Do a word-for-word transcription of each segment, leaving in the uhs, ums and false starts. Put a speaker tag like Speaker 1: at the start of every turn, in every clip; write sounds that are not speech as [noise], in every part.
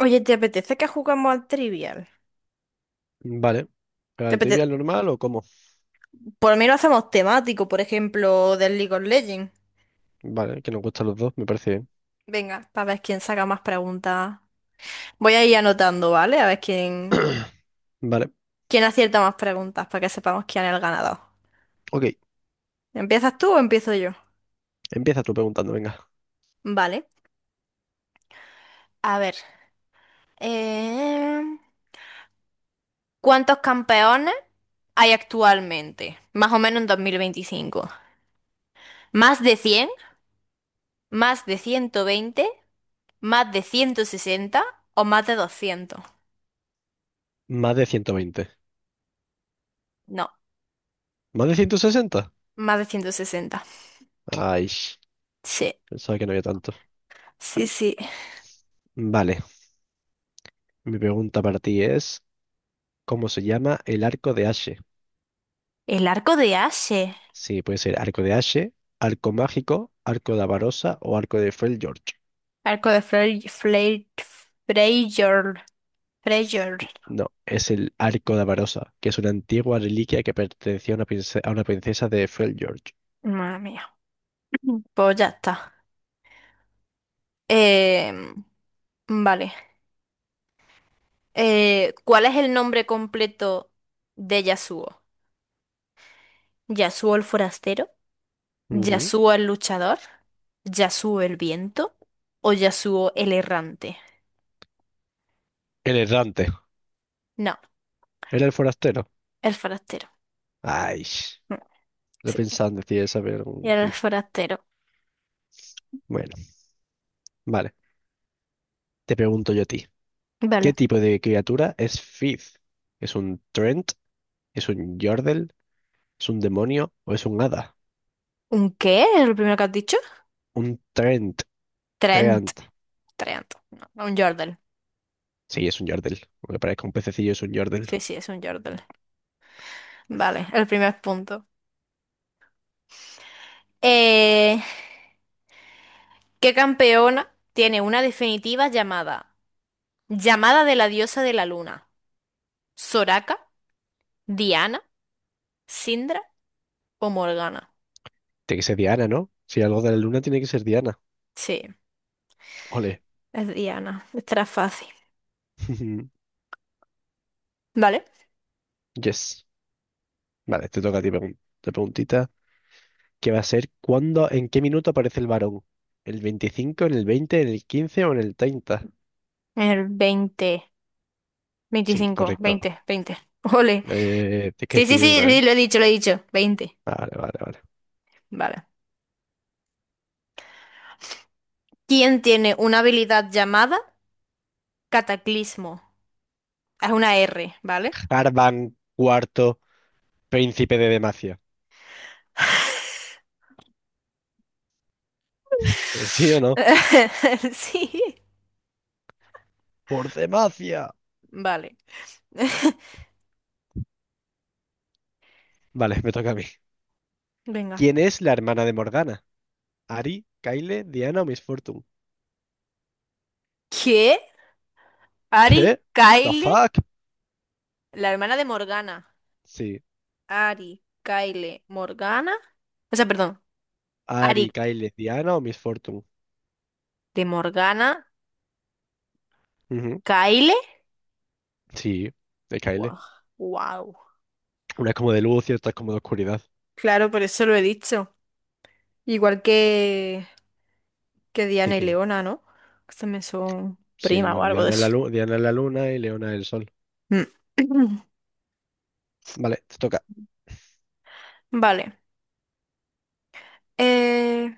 Speaker 1: Oye, ¿te apetece que jugamos al Trivial?
Speaker 2: Vale. ¿Pero
Speaker 1: ¿Te
Speaker 2: al trivial
Speaker 1: apetece?
Speaker 2: normal o cómo?
Speaker 1: Por mí lo hacemos temático, por ejemplo, del League of Legends.
Speaker 2: Vale, que nos gustan los dos, me parece bien.
Speaker 1: Venga, para ver quién saca más preguntas. Voy a ir anotando, ¿vale? A ver quién,
Speaker 2: [clears throat] Vale,
Speaker 1: quién acierta más preguntas para que sepamos quién es el ganador.
Speaker 2: ok.
Speaker 1: ¿Empiezas tú o empiezo yo?
Speaker 2: Empieza tú preguntando, venga.
Speaker 1: Vale. A ver. eh, ¿Cuántos campeones hay actualmente, más o menos, en dos mil veinticinco? ¿Más de cien, más de ciento veinte, más de ciento sesenta o más de doscientos?
Speaker 2: Más de ciento veinte.
Speaker 1: No,
Speaker 2: ¿Más de ciento sesenta?
Speaker 1: más de ciento sesenta.
Speaker 2: Ay,
Speaker 1: Sí,
Speaker 2: pensaba que no había tanto.
Speaker 1: sí, sí.
Speaker 2: Vale, mi pregunta para ti es, ¿cómo se llama el arco de Ashe?
Speaker 1: El arco de Ashe.
Speaker 2: Sí, puede ser arco de Ashe, arco mágico, arco de Avarosa o arco de Fell George.
Speaker 1: Arco de Frey, Frey, Freyjord. Freyjord.
Speaker 2: No, es el arco de Avarosa, que es una antigua reliquia que pertenecía a una, prince- a una princesa de Fell George.
Speaker 1: Madre mía. [clears throat] Pues ya está. Em, vale. Eh, ¿cuál es el nombre completo de Yasuo? ¿Yasuo el forastero?
Speaker 2: Ujú.
Speaker 1: ¿Yasuo el luchador? ¿Yasuo el viento? ¿O Yasuo el errante?
Speaker 2: El errante.
Speaker 1: No,
Speaker 2: Era el forastero.
Speaker 1: el forastero.
Speaker 2: Ay,
Speaker 1: Mm. Sí,
Speaker 2: repensando, quería saber. un-
Speaker 1: el forastero.
Speaker 2: Bueno, vale. Te pregunto yo a ti. ¿Qué
Speaker 1: Vale.
Speaker 2: tipo de criatura es Fifth? ¿Es un Trent? ¿Es un Yordle? ¿Es un demonio? ¿O es un hada?
Speaker 1: ¿Un qué? ¿Es lo primero que has dicho?
Speaker 2: Un Trent.
Speaker 1: Trent.
Speaker 2: Trent.
Speaker 1: Trent. No, no, un jordel.
Speaker 2: Sí, es un Yordle. Aunque parezca un pececillo, es un Yordle.
Speaker 1: Sí, sí, es un jordel. Vale, el primer punto. Eh, ¿qué campeona tiene una definitiva llamada llamada de la diosa de la luna? ¿Soraka? ¿Diana? ¿Sindra o Morgana?
Speaker 2: Tiene que ser Diana, ¿no? Si algo de la luna tiene que ser Diana.
Speaker 1: Sí,
Speaker 2: Ole.
Speaker 1: es Diana. Estará fácil.
Speaker 2: [laughs]
Speaker 1: Vale.
Speaker 2: Yes. Vale, te toca a ti pregun- la preguntita. ¿Qué va a ser? ¿Cuándo? ¿En qué minuto aparece el varón? ¿El veinticinco? ¿En el veinte? ¿En el quince o en el treinta?
Speaker 1: El veinte,
Speaker 2: Sí,
Speaker 1: veinticinco,
Speaker 2: correcto.
Speaker 1: veinte, veinte. Ole.
Speaker 2: Eh, tienes que
Speaker 1: Sí, sí,
Speaker 2: decidir
Speaker 1: sí,
Speaker 2: una, ¿eh?
Speaker 1: sí, lo he dicho, lo he dicho. Veinte.
Speaker 2: Vale, vale, vale.
Speaker 1: Vale. ¿Quién tiene una habilidad llamada cataclismo? Es una R, ¿vale?
Speaker 2: Harvan cuarto, príncipe de Demacia.
Speaker 1: [laughs]
Speaker 2: Eh, ¿Sí o no?
Speaker 1: Sí.
Speaker 2: Por Demacia.
Speaker 1: Vale. [laughs]
Speaker 2: Vale, me toca a mí.
Speaker 1: Venga.
Speaker 2: ¿Quién es la hermana de Morgana? ¿Ari, Kyle, Diana o Miss Fortune?
Speaker 1: ¿Qué? Ari,
Speaker 2: ¿Qué? ¿The
Speaker 1: Kyle,
Speaker 2: fuck?
Speaker 1: la hermana de Morgana.
Speaker 2: Sí.
Speaker 1: Ari, Kyle, Morgana. O sea, perdón. Ari
Speaker 2: Ari, Kyle, Diana o Miss Fortune.
Speaker 1: de Morgana,
Speaker 2: Ujú.
Speaker 1: Kyle.
Speaker 2: Sí, de Kyle.
Speaker 1: Wow. Wow.
Speaker 2: Una es como de luz y otra es como de oscuridad.
Speaker 1: Claro, por eso lo he dicho. Igual que que
Speaker 2: ¿Qué
Speaker 1: Diana y
Speaker 2: quién?
Speaker 1: Leona, ¿no? Que también son
Speaker 2: Sí,
Speaker 1: prima o
Speaker 2: bueno,
Speaker 1: algo de
Speaker 2: Diana es la
Speaker 1: eso.
Speaker 2: luna, Diana es la luna y Leona es el sol.
Speaker 1: Mm. [clears throat]
Speaker 2: Vale, te toca.
Speaker 1: Vale. Eh,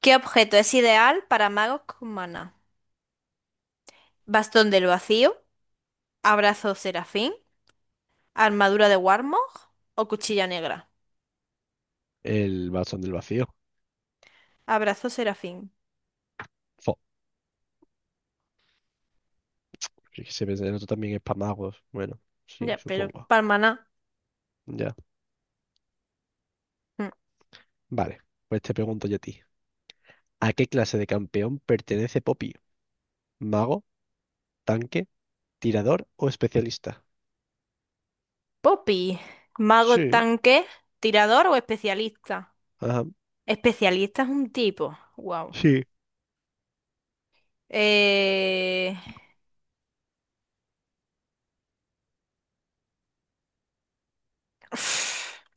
Speaker 1: ¿qué objeto es ideal para magos con maná? ¿Bastón del vacío? ¿Abrazo serafín? ¿Armadura de Warmog? ¿O cuchilla negra?
Speaker 2: El bastón del vacío.
Speaker 1: Abrazo serafín.
Speaker 2: Fíjese, pensé, el otro también es Pamagua. Bueno, sí,
Speaker 1: Ya, pero
Speaker 2: supongo.
Speaker 1: para el maná.
Speaker 2: Ya.
Speaker 1: Mm.
Speaker 2: Vale, pues te pregunto yo a ti. ¿A qué clase de campeón pertenece Poppy? ¿Mago, tanque, tirador o especialista?
Speaker 1: Poppy. ¿Mago,
Speaker 2: Sí,
Speaker 1: tanque, tirador o especialista?
Speaker 2: ajá,
Speaker 1: Especialista es un tipo. Wow.
Speaker 2: sí.
Speaker 1: Eh... [sniffs] [sighs]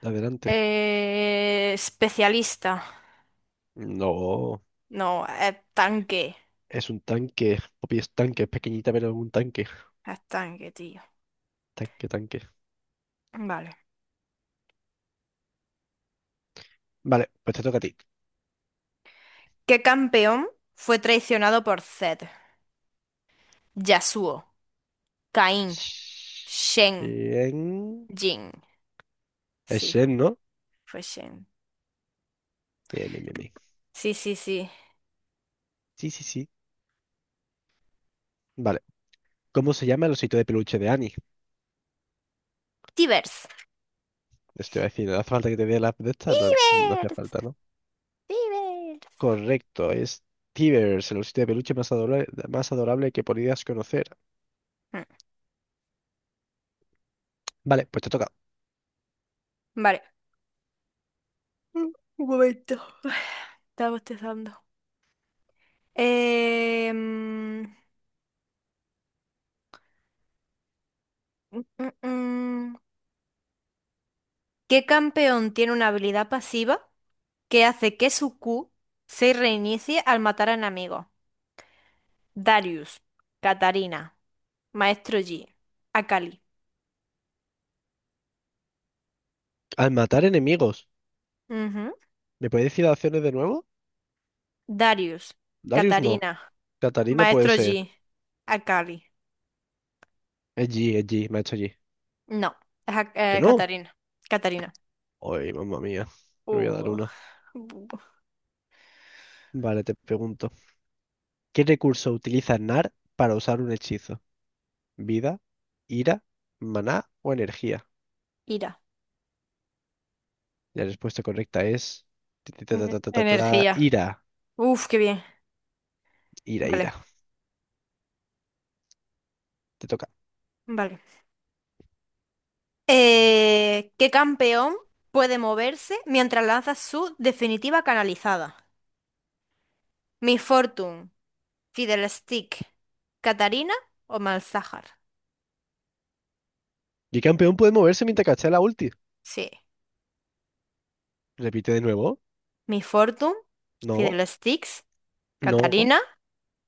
Speaker 2: Adelante.
Speaker 1: Eh, especialista.
Speaker 2: No,
Speaker 1: No, eh, tanque.
Speaker 2: es un tanque. Poppy es tanque, es pequeñita, pero es un tanque.
Speaker 1: Es tanque, tío.
Speaker 2: Tanque, tanque.
Speaker 1: Vale.
Speaker 2: Vale, pues te toca a ti.
Speaker 1: ¿Qué campeón fue traicionado por Zed? Yasuo, Caín, Shen,
Speaker 2: Bien.
Speaker 1: Jin.
Speaker 2: Es
Speaker 1: Sí, fue,
Speaker 2: Shen, ¿no?
Speaker 1: fue Shen.
Speaker 2: Bien, bien, bien, bien.
Speaker 1: Sí, sí, sí.
Speaker 2: Sí, sí, sí. Vale. ¿Cómo se llama el osito de peluche de Annie?
Speaker 1: Tibers.
Speaker 2: Esto iba a decir, ¿hace falta que te dé la app de esta? No, no hacía
Speaker 1: Tibers.
Speaker 2: falta, ¿no?
Speaker 1: Tibers.
Speaker 2: Correcto, es Tivers, el osito de peluche más adorable, más adorable que podías conocer.
Speaker 1: Mm.
Speaker 2: Vale, pues te toca.
Speaker 1: Vale. Mm, Un momento. [sighs] Estaba bostezando. Eh, mm, mm, mm, ¿Qué campeón tiene una habilidad pasiva que hace que su Q se reinicie al matar a enemigos? Darius, Katarina, Maestro Yi, Akali.
Speaker 2: Al matar enemigos,
Speaker 1: Ujú.
Speaker 2: ¿me puedes decir las opciones de nuevo?
Speaker 1: Darius,
Speaker 2: Darius no.
Speaker 1: Katarina,
Speaker 2: Catarina puede
Speaker 1: Maestro
Speaker 2: ser.
Speaker 1: Yi, Akali.
Speaker 2: Es G, es G, me ha hecho G.
Speaker 1: No, es Ak-
Speaker 2: ¿Que
Speaker 1: eh,
Speaker 2: no?
Speaker 1: Katarina. Katarina.
Speaker 2: Ay, mamma mía. Me voy a dar
Speaker 1: Uh,
Speaker 2: una.
Speaker 1: bu- bu-
Speaker 2: Vale, te pregunto. ¿Qué recurso utiliza Nar para usar un hechizo? ¿Vida, ira, maná o energía?
Speaker 1: Ira.
Speaker 2: La respuesta correcta es, ta, ta, ta,
Speaker 1: N-
Speaker 2: ta, ta, ta, ta,
Speaker 1: Energía.
Speaker 2: ira,
Speaker 1: Uf, qué bien.
Speaker 2: ira,
Speaker 1: Vale,
Speaker 2: ira. Te toca.
Speaker 1: vale. Eh, ¿qué campeón puede moverse mientras lanza su definitiva canalizada? Mi Fortune, Fiddlestick, Katarina o Malzahar.
Speaker 2: Y campeón puede moverse mientras castea la ulti.
Speaker 1: Sí.
Speaker 2: Repite de nuevo.
Speaker 1: Mi Fortune,
Speaker 2: No,
Speaker 1: Fiddlesticks,
Speaker 2: no.
Speaker 1: Katarina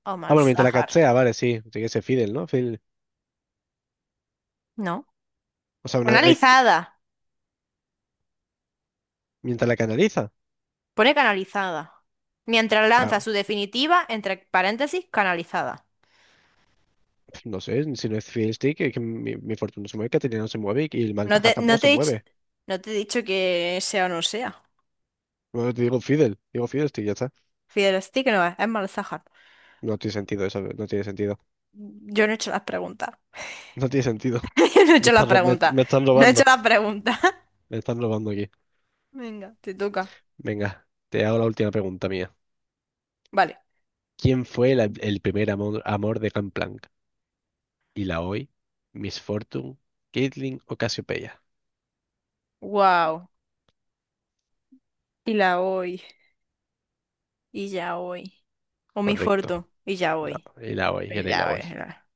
Speaker 1: o
Speaker 2: Ah, bueno, mientras la
Speaker 1: Malzahar.
Speaker 2: castea, vale, sí. Tiene que ser Fidel, ¿no? Fidel.
Speaker 1: No.
Speaker 2: O sea, una- eh,
Speaker 1: Canalizada.
Speaker 2: mientras la canaliza.
Speaker 1: Pone canalizada. Mientras lanza
Speaker 2: Claro.
Speaker 1: su definitiva, entre paréntesis, canalizada.
Speaker 2: No sé, si no es Fidel Stick, es que mi, mi Fortuna se mueve, Caterina no se mueve y, y el
Speaker 1: No
Speaker 2: Malzahar
Speaker 1: te, no
Speaker 2: tampoco
Speaker 1: te
Speaker 2: se
Speaker 1: he dicho,
Speaker 2: mueve.
Speaker 1: no te he dicho que sea o no sea.
Speaker 2: No no, te digo Fidel, digo Fidel Stick, ya está.
Speaker 1: Fiddlestick no es, es Malzahar.
Speaker 2: No tiene sentido eso, no tiene sentido.
Speaker 1: Yo no he hecho las preguntas.
Speaker 2: No tiene sentido.
Speaker 1: [laughs] Yo no he
Speaker 2: [laughs] Me
Speaker 1: hecho las
Speaker 2: están, ro- me,
Speaker 1: preguntas.
Speaker 2: me están
Speaker 1: No he
Speaker 2: robando.
Speaker 1: hecho las preguntas. [laughs]
Speaker 2: Me están robando aquí.
Speaker 1: Venga, te toca.
Speaker 2: Venga, te hago la última pregunta mía.
Speaker 1: Vale.
Speaker 2: ¿Quién fue la- el primer amor, amor de Gangplank? Illaoi, Miss Fortune, Caitlyn o Cassiopeia.
Speaker 1: Wow. Y la hoy. Y ya hoy. O mi
Speaker 2: Correcto.
Speaker 1: forto. Y ya
Speaker 2: No,
Speaker 1: hoy.
Speaker 2: Illaoi,
Speaker 1: Y
Speaker 2: era
Speaker 1: ya
Speaker 2: Illaoi.
Speaker 1: hoy era.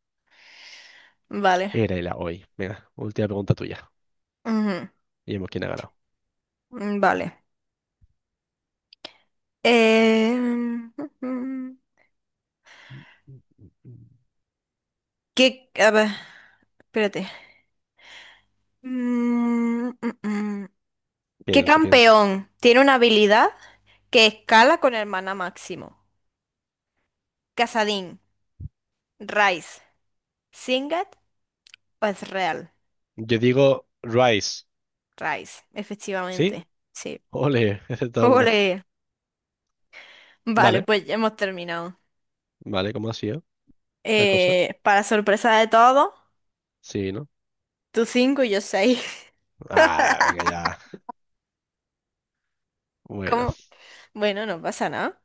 Speaker 1: Vale.
Speaker 2: Era Illaoi. Venga, última pregunta tuya.
Speaker 1: Ujú.
Speaker 2: Y vemos quién ha ganado.
Speaker 1: Mm. Vale. Eh... Ujú. [laughs] ¿Qué? A ver. Espérate. Mm, mm, mm. ¿Qué
Speaker 2: Piensa, piensa.
Speaker 1: campeón tiene una habilidad que escala con el maná máximo? ¿Casadín, Rice, Singed o Ezreal?
Speaker 2: Yo digo Rice,
Speaker 1: Rice,
Speaker 2: ¿sí?
Speaker 1: efectivamente. Sí.
Speaker 2: Ole, [laughs] he
Speaker 1: [laughs]
Speaker 2: acertado una.
Speaker 1: Ole. Vale,
Speaker 2: Vale,
Speaker 1: pues ya hemos terminado.
Speaker 2: vale, ¿cómo ha sido la cosa?
Speaker 1: Eh, para sorpresa de todos,
Speaker 2: Sí, ¿no?
Speaker 1: tú cinco y yo seis. [laughs]
Speaker 2: Ah, venga ya. Bueno,
Speaker 1: ¿Cómo? Bueno, no pasa nada.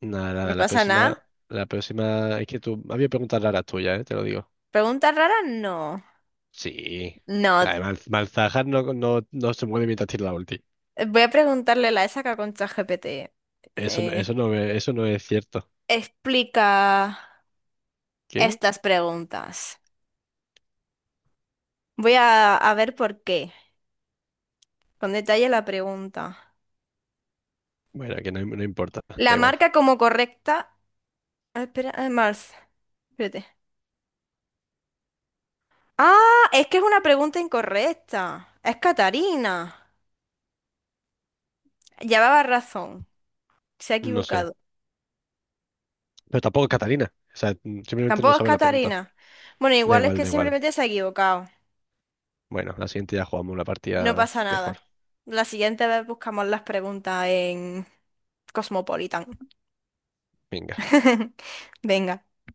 Speaker 2: nada,
Speaker 1: No
Speaker 2: nada, la
Speaker 1: pasa nada.
Speaker 2: próxima, la próxima, es que tú, había preguntas raras tuyas, ¿eh? Te lo digo.
Speaker 1: ¿Preguntas raras? No.
Speaker 2: Sí.
Speaker 1: No.
Speaker 2: Además, Malzahar no, no, no se mueve mientras tira la ulti.
Speaker 1: Voy a preguntarle la esa que con ChatGPT.
Speaker 2: Eso no,
Speaker 1: Eh,
Speaker 2: eso no, es- eso no es cierto.
Speaker 1: explica
Speaker 2: ¿Qué?
Speaker 1: estas preguntas. Voy a, a ver por qué. Con detalle la pregunta.
Speaker 2: Bueno, que no, no importa, da
Speaker 1: La
Speaker 2: igual.
Speaker 1: marca como correcta. Ah, espera, eh, Mars. Espérate. Ah, es que es una pregunta incorrecta. Es Catarina. Llevaba razón. Se ha
Speaker 2: No sé.
Speaker 1: equivocado.
Speaker 2: Pero tampoco es Catalina. O sea, mm, simplemente no
Speaker 1: Tampoco es
Speaker 2: sabe la pregunta.
Speaker 1: Catarina. Bueno,
Speaker 2: Da
Speaker 1: igual es
Speaker 2: igual,
Speaker 1: que
Speaker 2: da igual.
Speaker 1: simplemente se ha equivocado.
Speaker 2: Bueno, la siguiente ya jugamos una
Speaker 1: No
Speaker 2: partida
Speaker 1: pasa
Speaker 2: mejor.
Speaker 1: nada. La siguiente vez buscamos las preguntas en Cosmopolitan.
Speaker 2: Venga.
Speaker 1: [laughs] Venga.